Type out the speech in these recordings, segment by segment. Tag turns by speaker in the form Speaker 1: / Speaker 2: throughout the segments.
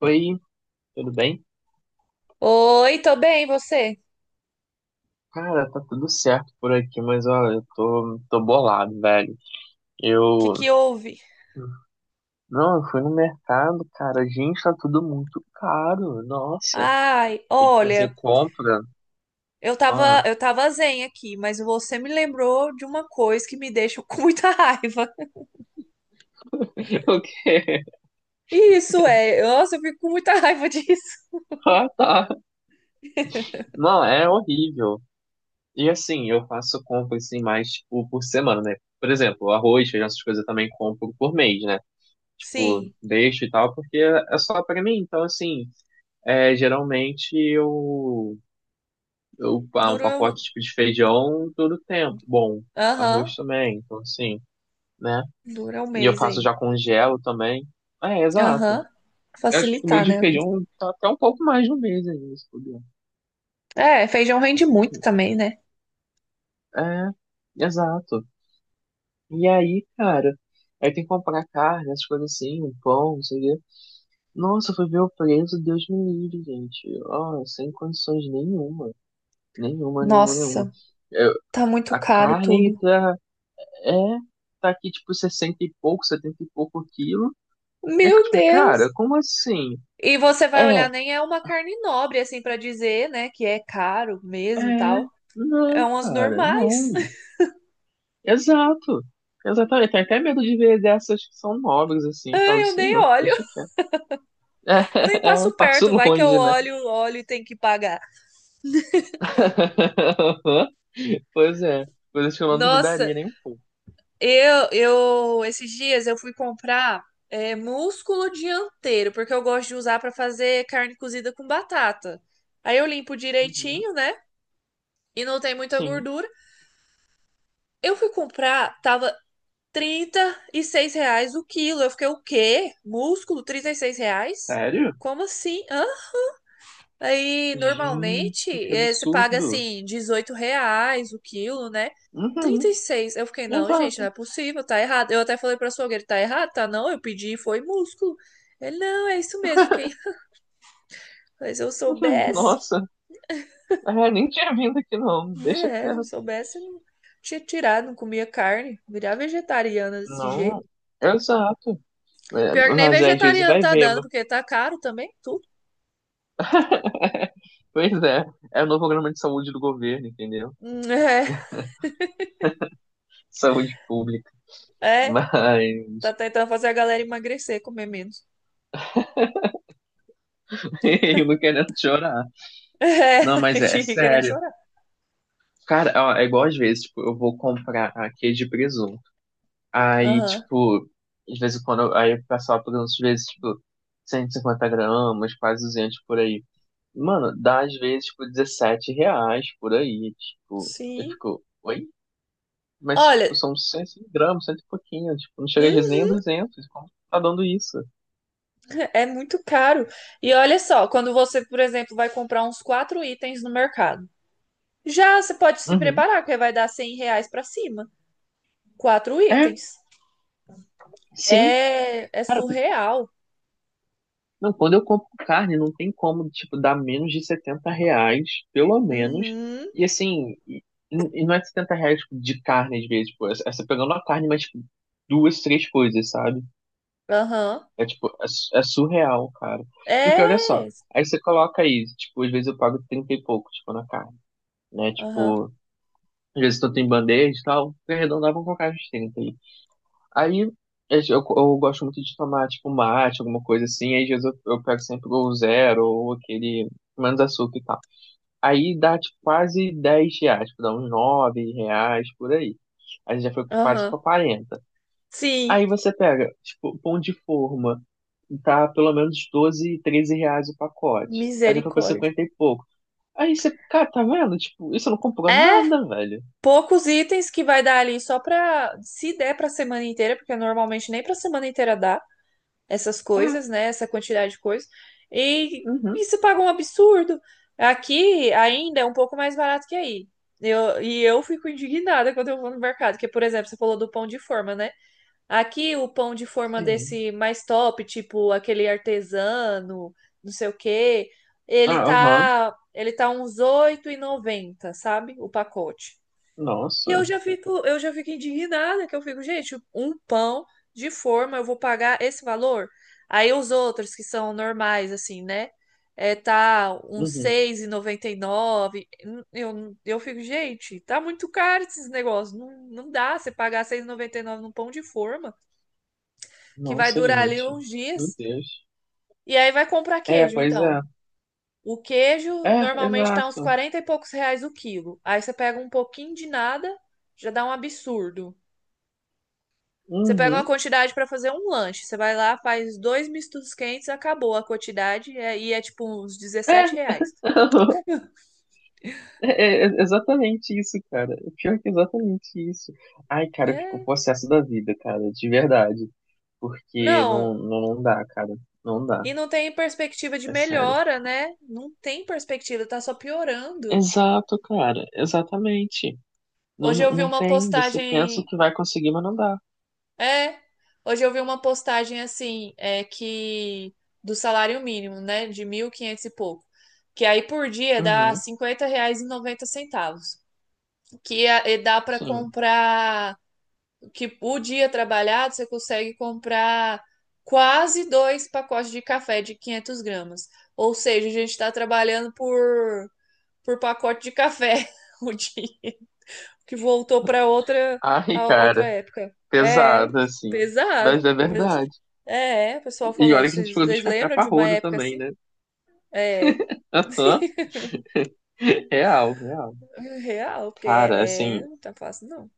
Speaker 1: Oi, tudo bem?
Speaker 2: Oi, tô bem, e você?
Speaker 1: Cara, tá tudo certo por aqui, mas olha, eu tô bolado, velho.
Speaker 2: O que
Speaker 1: Eu.
Speaker 2: que houve?
Speaker 1: Não, eu fui no mercado, cara. Gente, tá tudo muito caro. Nossa,
Speaker 2: Ai,
Speaker 1: tem que
Speaker 2: olha,
Speaker 1: fazer compra.
Speaker 2: eu
Speaker 1: Ah,
Speaker 2: tava, eu tava zen aqui, mas você me lembrou de uma coisa que me deixa com muita raiva.
Speaker 1: o quê?
Speaker 2: Isso é, nossa, eu fico com muita raiva disso.
Speaker 1: Ah, tá. Não, é horrível. E assim, eu faço compra assim mais, tipo, por semana, né? Por exemplo, arroz, feijão, essas coisas eu também compro por mês, né? Tipo,
Speaker 2: Sim,
Speaker 1: deixo e tal, porque é só pra mim. Então, assim, é, geralmente eu. Eu, um
Speaker 2: dura, um-
Speaker 1: pacote tipo de feijão todo tempo. Bom,
Speaker 2: aham,
Speaker 1: arroz também, então assim, né?
Speaker 2: dura um
Speaker 1: E eu
Speaker 2: mês
Speaker 1: faço
Speaker 2: aí.
Speaker 1: já congelo também. É, exato.
Speaker 2: Aham,
Speaker 1: Eu acho que o meu
Speaker 2: facilitar,
Speaker 1: de
Speaker 2: né?
Speaker 1: feijão tá até um pouco mais de um mês ainda, se puder.
Speaker 2: É, feijão rende muito também, né?
Speaker 1: É, exato. E aí, cara, aí tem que comprar carne, essas coisas assim, um pão, não sei o quê. Nossa, foi ver o preço, Deus me livre, gente. Ó, sem condições nenhuma. Nenhuma, nenhuma, nenhuma.
Speaker 2: Nossa,
Speaker 1: Eu-
Speaker 2: tá muito
Speaker 1: a
Speaker 2: caro
Speaker 1: carne
Speaker 2: tudo.
Speaker 1: tá. É, tá aqui tipo 60 e pouco, 70 e pouco quilo. E eu fico
Speaker 2: Meu
Speaker 1: tipo, cara,
Speaker 2: Deus!
Speaker 1: como assim?
Speaker 2: E você vai
Speaker 1: É,
Speaker 2: olhar, nem é uma carne nobre, assim, pra dizer, né, que é caro mesmo, e
Speaker 1: é,
Speaker 2: tal. É
Speaker 1: não,
Speaker 2: umas
Speaker 1: cara,
Speaker 2: normais.
Speaker 1: não. Exato. Exatamente. Tenho até medo de ver dessas que são nobres, assim.
Speaker 2: Ai,
Speaker 1: Falo,
Speaker 2: eu nem
Speaker 1: senhor,
Speaker 2: olho.
Speaker 1: deixa quieto.
Speaker 2: Eu nem
Speaker 1: É, é, um
Speaker 2: passo
Speaker 1: passo
Speaker 2: perto, vai que eu
Speaker 1: longe, né?
Speaker 2: olho, olho e tem que pagar.
Speaker 1: Pois é. Coisas que eu não
Speaker 2: Nossa,
Speaker 1: duvidaria nem um pouco.
Speaker 2: esses dias eu fui comprar é, músculo dianteiro, porque eu gosto de usar pra fazer carne cozida com batata. Aí eu limpo
Speaker 1: Uhum.
Speaker 2: direitinho, né? E não tem muita
Speaker 1: Sim.
Speaker 2: gordura. Eu fui comprar, tava trinta e seis reais o quilo. Eu fiquei, o quê? Músculo, 36 reais?
Speaker 1: Sério?
Speaker 2: Como assim? Hã? Aí,
Speaker 1: Gente,
Speaker 2: normalmente,
Speaker 1: que
Speaker 2: você paga,
Speaker 1: absurdo.
Speaker 2: assim, 18 reais o quilo, né? Trinta
Speaker 1: Uhum.
Speaker 2: e seis. Eu fiquei, não, gente, não
Speaker 1: Exato.
Speaker 2: é possível, tá errado. Eu até falei pra açougueiro, tá errado? Tá não, eu pedi e foi músculo. Ele, não, é isso mesmo. Fiquei, mas se eu
Speaker 1: Uhum.
Speaker 2: soubesse,
Speaker 1: Nossa. É, nem tinha vindo aqui não, deixa
Speaker 2: né? Se eu
Speaker 1: quieto.
Speaker 2: soubesse, eu não tinha tirado, não comia carne. Virar vegetariana desse jeito.
Speaker 1: Não, exato. É,
Speaker 2: Pior que nem
Speaker 1: mas às vezes
Speaker 2: vegetariano
Speaker 1: vai
Speaker 2: tá
Speaker 1: ver,
Speaker 2: dando,
Speaker 1: mas.
Speaker 2: porque tá caro também, tudo.
Speaker 1: Pois é, é o novo programa de saúde do governo, entendeu?
Speaker 2: É,
Speaker 1: Saúde pública.
Speaker 2: é. Tá
Speaker 1: Mas
Speaker 2: tentando fazer a galera emagrecer, comer menos.
Speaker 1: eu não querendo chorar.
Speaker 2: É,
Speaker 1: Não,
Speaker 2: a
Speaker 1: mas é
Speaker 2: gente ri querendo
Speaker 1: sério.
Speaker 2: chorar.
Speaker 1: Cara, ó, é igual às vezes, tipo, eu vou comprar aqui de presunto. Aí,
Speaker 2: Aham.
Speaker 1: tipo, de vez em quando, aí o pessoal pergunta, às vezes, tipo, 150 gramas, quase 200 por aí. Mano, dá às vezes, tipo, 17 reais por aí, tipo, eu
Speaker 2: Sim.
Speaker 1: fico, oi? Mas,
Speaker 2: Olha,
Speaker 1: tipo, são 100 gramas, cento e pouquinho, tipo, não chega às vezes nem a
Speaker 2: hum,
Speaker 1: 200, como tá dando isso?
Speaker 2: é muito caro. E olha só, quando você, por exemplo, vai comprar uns quatro itens no mercado, já você pode se
Speaker 1: Uhum.
Speaker 2: preparar, porque vai dar cem reais pra cima. Quatro
Speaker 1: É,
Speaker 2: itens.
Speaker 1: sim,
Speaker 2: É, é
Speaker 1: cara,
Speaker 2: surreal.
Speaker 1: não, quando eu compro carne, não tem como, tipo, dar menos de 70 reais, pelo menos,
Speaker 2: Uhum.
Speaker 1: e assim, e não é 70 reais, tipo, de carne às vezes, tipo, essa pegando a carne, mas, tipo, duas, três coisas, sabe?
Speaker 2: Aham.
Speaker 1: É tipo, é surreal, cara. Porque olha só,
Speaker 2: É.
Speaker 1: aí você coloca aí, tipo, às vezes eu pago 30 e pouco, tipo, na carne, né?
Speaker 2: Aham.
Speaker 1: Tipo, às vezes tanto em bandeja e tal, arredondavam com colocar uns 30 aí. Aí eu, eu gosto muito de tomar, tipo, um mate, alguma coisa assim, aí às vezes eu pego sempre o zero ou aquele menos açúcar e tal. Aí dá, tipo, quase 10 reais, tipo, dá uns 9 reais por aí. Aí já foi quase pra
Speaker 2: Aham.
Speaker 1: 40.
Speaker 2: Sim.
Speaker 1: Aí você pega, tipo, pão de forma, tá pelo menos 12, 13 reais o pacote. Aí já foi pra
Speaker 2: Misericórdia.
Speaker 1: 50 e pouco. Aí você, cara, tá vendo? Tipo, isso não comprou
Speaker 2: É
Speaker 1: nada, velho.
Speaker 2: poucos itens que vai dar ali só pra. Se der pra semana inteira, porque normalmente nem pra semana inteira dá essas
Speaker 1: É,
Speaker 2: coisas, né? Essa quantidade de coisas. E
Speaker 1: uhum,
Speaker 2: isso paga um absurdo. Aqui ainda é um pouco mais barato que aí. E eu fico indignada quando eu vou no mercado, porque, por exemplo, você falou do pão de forma, né? Aqui o pão de forma
Speaker 1: sim.
Speaker 2: desse mais top, tipo aquele artesano, não sei o quê, ele
Speaker 1: Ah, aham,
Speaker 2: tá, ele tá uns oito e noventa sabe? O pacote. E
Speaker 1: nossa.
Speaker 2: eu já fico indignada, que eu fico, gente, um pão de forma, eu vou pagar esse valor? Aí os outros que são normais, assim, né? É, tá uns
Speaker 1: Uhum.
Speaker 2: seis e noventa e nove. Eu fico, gente, tá muito caro esses negócios. Não, dá você pagar seis e noventa e nove num pão de forma, que vai
Speaker 1: Nossa,
Speaker 2: durar ali
Speaker 1: gente.
Speaker 2: uns
Speaker 1: Meu
Speaker 2: dias.
Speaker 1: Deus.
Speaker 2: E aí vai comprar
Speaker 1: É,
Speaker 2: queijo,
Speaker 1: pois
Speaker 2: então.
Speaker 1: é.
Speaker 2: O queijo
Speaker 1: É,
Speaker 2: normalmente tá uns
Speaker 1: exato.
Speaker 2: 40 e poucos reais o quilo. Aí você pega um pouquinho de nada, já dá um absurdo. Você pega uma
Speaker 1: Uhum.
Speaker 2: quantidade pra fazer um lanche. Você vai lá, faz dois mistos quentes, acabou a quantidade. E é tipo uns
Speaker 1: É,
Speaker 2: 17 reais.
Speaker 1: é exatamente isso, cara. O pior é que é exatamente isso. Ai, cara, eu fico
Speaker 2: É.
Speaker 1: possesso da vida, cara, de verdade. Porque não,
Speaker 2: Não,
Speaker 1: não, não dá, cara. Não dá.
Speaker 2: e não tem perspectiva de
Speaker 1: É sério.
Speaker 2: melhora, né? Não tem perspectiva, tá só piorando.
Speaker 1: Exato, cara. Exatamente. Não,
Speaker 2: Hoje
Speaker 1: não
Speaker 2: eu vi
Speaker 1: não
Speaker 2: uma
Speaker 1: tem. Você pensa
Speaker 2: postagem.
Speaker 1: que vai conseguir, mas não dá.
Speaker 2: É, hoje eu vi uma postagem assim, é que. Do salário mínimo, né? De 1.500 e quinhentos e pouco. Que aí por dia dá
Speaker 1: Uhum,
Speaker 2: cinquenta reais e noventa centavos, que é dá pra
Speaker 1: sim.
Speaker 2: comprar, que o dia trabalhado você consegue comprar quase dois pacotes de café de 500 gramas. Ou seja, a gente está trabalhando por pacote de café o dia que voltou para outra
Speaker 1: Ai,
Speaker 2: a outra
Speaker 1: cara.
Speaker 2: época. É
Speaker 1: Pesado, assim. Mas é
Speaker 2: pesado.
Speaker 1: verdade.
Speaker 2: É, o pessoal
Speaker 1: E
Speaker 2: falou.
Speaker 1: olha que a gente
Speaker 2: Vocês,
Speaker 1: falou dos
Speaker 2: vocês
Speaker 1: café
Speaker 2: lembram de uma
Speaker 1: parrudo
Speaker 2: época
Speaker 1: também,
Speaker 2: assim?
Speaker 1: né?
Speaker 2: É
Speaker 1: Aham. Real, real.
Speaker 2: real, porque
Speaker 1: Cara, assim.
Speaker 2: não tá fácil não.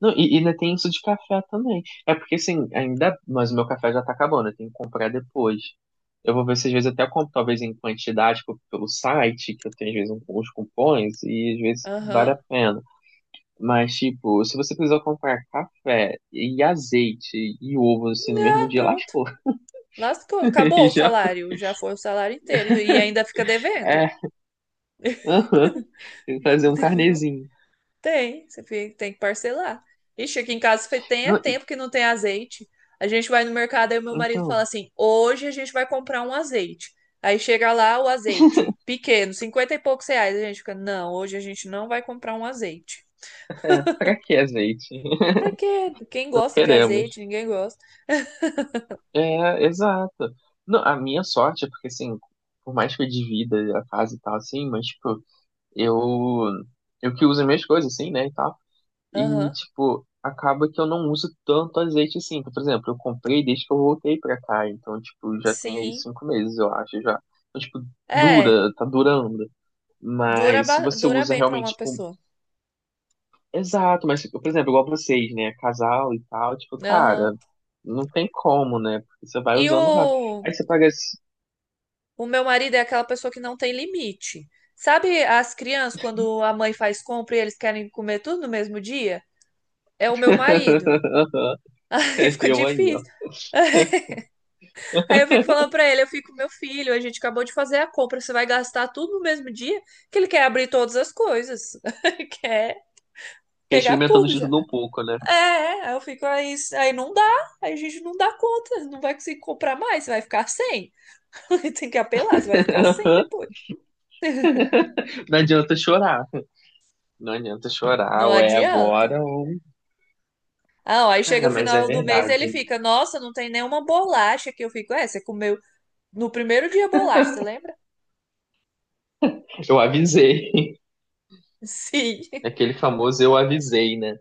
Speaker 1: Não, e ainda tem isso de café também. É porque, assim, ainda. Mas o meu café já tá acabando, eu tenho que comprar depois. Eu vou ver se às vezes até eu compro, talvez em quantidade tipo, pelo site, que eu tenho às vezes uns cupons, e às vezes vale a
Speaker 2: Aham.
Speaker 1: pena. Mas, tipo, se você precisar comprar café e azeite e ovo, assim, no mesmo
Speaker 2: Ah,
Speaker 1: dia,
Speaker 2: pronto.
Speaker 1: lascou.
Speaker 2: Lascou, acabou
Speaker 1: E
Speaker 2: o
Speaker 1: já.
Speaker 2: salário, já foi o salário inteiro e ainda fica devendo.
Speaker 1: É. Aham, tem que fazer um
Speaker 2: Devendo.
Speaker 1: carnezinho.
Speaker 2: Tem, tem que parcelar. Ixi, aqui em casa tem é
Speaker 1: Não,
Speaker 2: tempo que não tem azeite. A gente vai no mercado e o meu marido
Speaker 1: então,
Speaker 2: fala assim: hoje a gente vai comprar um azeite. Aí chega lá o azeite pequeno, 50 e poucos reais. A gente fica: não, hoje a gente não vai comprar um azeite.
Speaker 1: pra que azeite?
Speaker 2: Pra quê? Quem
Speaker 1: Não
Speaker 2: gosta de azeite?
Speaker 1: queremos.
Speaker 2: Ninguém gosta.
Speaker 1: É, exato. Não, a minha sorte é porque, assim, por mais que eu divida a casa e tal, assim, mas, tipo, eu, eu que uso as minhas coisas, assim, né, e tal. E,
Speaker 2: Aham,
Speaker 1: tipo, acaba que eu não uso tanto azeite, assim. Por exemplo, eu comprei desde que eu voltei pra cá, então, tipo, já tem aí
Speaker 2: sim.
Speaker 1: 5 meses, eu acho, já. Então, tipo,
Speaker 2: É,
Speaker 1: dura, tá durando. Mas se você
Speaker 2: dura
Speaker 1: usa
Speaker 2: bem pra uma
Speaker 1: realmente, tipo,
Speaker 2: pessoa.
Speaker 1: exato, mas, tipo, por exemplo, igual vocês, né? Casal e tal, tipo, cara,
Speaker 2: Aham.
Speaker 1: não tem como, né? Porque você vai
Speaker 2: E
Speaker 1: usando rápido.
Speaker 2: o
Speaker 1: Aí você paga esse.
Speaker 2: O meu marido é aquela pessoa que não tem limite. Sabe as crianças, quando a mãe faz compra e eles querem comer tudo no mesmo dia? É o meu marido. Aí fica
Speaker 1: Eu aí, ó.
Speaker 2: difícil. Aí eu fico falando pra ele, eu fico, meu filho, a gente acabou de fazer a compra, você vai gastar tudo no mesmo dia? Que ele quer abrir todas as coisas. quer
Speaker 1: Fiquei
Speaker 2: pegar
Speaker 1: experimentando
Speaker 2: tudo
Speaker 1: de
Speaker 2: já.
Speaker 1: tudo um pouco, né?
Speaker 2: Aí eu fico, aí não dá, aí a gente não dá conta, não vai conseguir comprar mais, você vai ficar sem. Tem que apelar, você vai ficar sem depois.
Speaker 1: Não adianta chorar. Não adianta chorar,
Speaker 2: Não
Speaker 1: ou é
Speaker 2: adianta.
Speaker 1: agora, ou.
Speaker 2: Ah, ó, aí chega
Speaker 1: Cara,
Speaker 2: o
Speaker 1: mas é
Speaker 2: final do mês e ele
Speaker 1: verdade.
Speaker 2: fica, nossa, não tem nenhuma bolacha que eu fico. É, você comeu no primeiro dia bolacha, você lembra?
Speaker 1: Eu avisei.
Speaker 2: Sim.
Speaker 1: Aquele famoso eu avisei, né?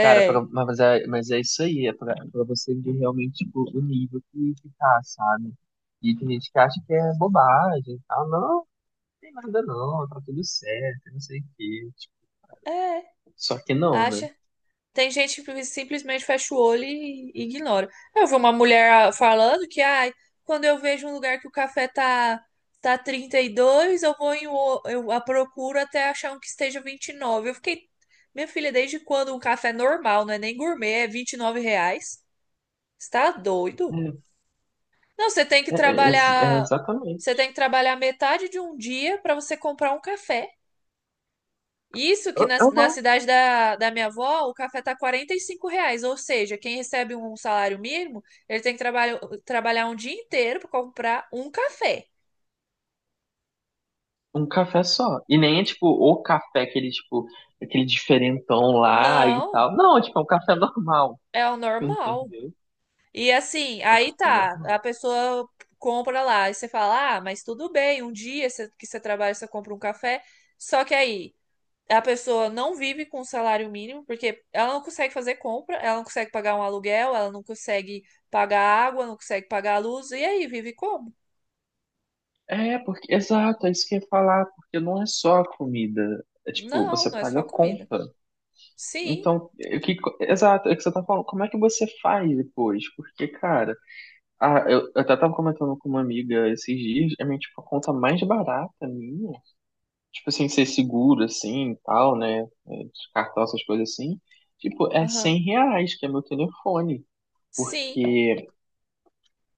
Speaker 1: Cara, pra- mas, é, mas é isso aí, é pra você ver realmente tipo, o nível que tá, sabe? E tem gente que acha que é bobagem e tal. Não, não tem nada não, tá tudo certo, não sei o quê. Tipo,
Speaker 2: é,
Speaker 1: só que não, né?
Speaker 2: acha. Tem gente que simplesmente fecha o olho e ignora. Eu vi uma mulher ah, falando que, ai, quando eu vejo um lugar que tá 32, eu vou em, eu a procuro até achar um que esteja 29. Eu fiquei, minha filha, desde quando um café normal, não é nem gourmet, é 29 reais? Você tá doido? Não, você tem que
Speaker 1: É, é, é, é
Speaker 2: trabalhar,
Speaker 1: exatamente.
Speaker 2: você tem que trabalhar metade de um dia para você comprar um café. Isso que
Speaker 1: Eu, eu
Speaker 2: na
Speaker 1: não.
Speaker 2: cidade da minha avó, o café tá 45 reais, ou seja, quem recebe um salário mínimo, ele tem que trabalhar, trabalhar um dia inteiro para comprar um café.
Speaker 1: Um café só. E nem é tipo o café, aquele tipo, aquele diferentão lá e
Speaker 2: Não,
Speaker 1: tal. Não, tipo, é um café normal.
Speaker 2: é o normal.
Speaker 1: Entendeu?
Speaker 2: E assim,
Speaker 1: É um
Speaker 2: aí
Speaker 1: café
Speaker 2: tá, a
Speaker 1: normal.
Speaker 2: pessoa compra lá, e você fala, ah, mas tudo bem, um dia que você trabalha, você compra um café. Só que aí, a pessoa não vive com salário mínimo, porque ela não consegue fazer compra, ela não consegue pagar um aluguel, ela não consegue pagar água, não consegue pagar a luz, e aí vive como?
Speaker 1: É, porque, exato, é isso que eu ia falar, porque não é só a comida. É tipo,
Speaker 2: Não,
Speaker 1: você
Speaker 2: não é
Speaker 1: paga
Speaker 2: só
Speaker 1: a
Speaker 2: comida.
Speaker 1: conta.
Speaker 2: Sim,
Speaker 1: Então, exato, é o que você tá falando. Como é que você faz depois? Porque, cara, eu até tava comentando com uma amiga esses dias, é minha, tipo, a conta mais barata minha. Tipo assim, ser seguro, assim, e tal, né? De cartão, essas coisas assim. Tipo, é
Speaker 2: aham,
Speaker 1: 100 reais, que é meu telefone.
Speaker 2: sim,
Speaker 1: Porque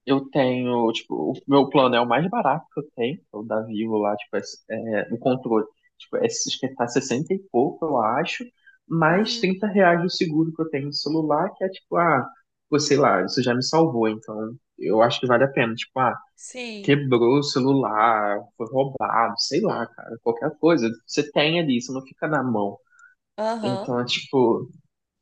Speaker 1: eu tenho, tipo, o meu plano é o mais barato que eu tenho, é o da Vivo lá, tipo, é, o controle. Tipo, é, acho que tá 60 e pouco, eu acho, mais
Speaker 2: uhum,
Speaker 1: 30 reais do seguro que eu tenho no celular, que é tipo, pô, sei lá, isso já me salvou, então eu acho que vale a pena. Tipo,
Speaker 2: sim,
Speaker 1: quebrou o celular, foi roubado, sei lá, cara, qualquer coisa. Você tem ali, isso não fica na mão.
Speaker 2: aham.
Speaker 1: Então é tipo,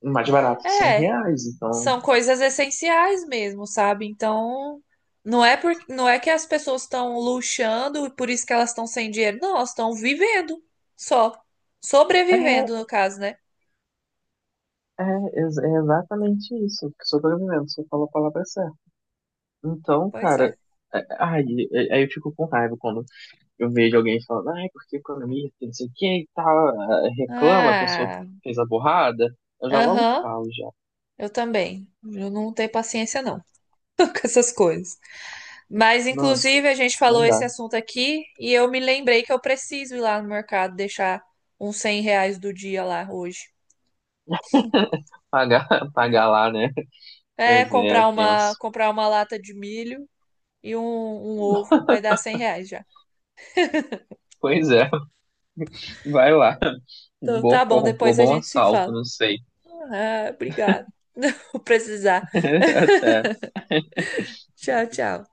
Speaker 1: o mais barato é 100
Speaker 2: É,
Speaker 1: reais, então.
Speaker 2: são coisas essenciais mesmo, sabe? Então, não é por, não é que as pessoas estão luxando e por isso que elas estão sem dinheiro, não, elas estão vivendo só,
Speaker 1: É,
Speaker 2: sobrevivendo no caso, né?
Speaker 1: é, é exatamente isso. que Sobrevivendo, você falou a palavra certa. Então,
Speaker 2: Pois
Speaker 1: cara,
Speaker 2: é.
Speaker 1: ai, aí eu fico com raiva quando eu vejo alguém falando, ai, porque economia, que não sei o que e tal, reclama, a pessoa
Speaker 2: Ah.
Speaker 1: fez a burrada. Eu já logo
Speaker 2: Aham,
Speaker 1: falo, já.
Speaker 2: eu também. Eu não tenho paciência, não, com essas coisas. Mas,
Speaker 1: Nossa,
Speaker 2: inclusive, a gente
Speaker 1: não
Speaker 2: falou esse
Speaker 1: dá.
Speaker 2: assunto aqui e eu me lembrei que eu preciso ir lá no mercado deixar uns 100 reais do dia lá hoje.
Speaker 1: Pagar, pagar lá, né?
Speaker 2: É,
Speaker 1: Pois é, tenso.
Speaker 2: comprar uma lata de milho e um ovo. Vai dar 100 reais já.
Speaker 1: Pois é, vai lá.
Speaker 2: Então, tá
Speaker 1: Boa,
Speaker 2: bom,
Speaker 1: comprou
Speaker 2: depois a
Speaker 1: bom
Speaker 2: gente se
Speaker 1: assalto,
Speaker 2: fala.
Speaker 1: não sei.
Speaker 2: Ah, obrigado. Não vou precisar.
Speaker 1: Até.
Speaker 2: Tchau, tchau.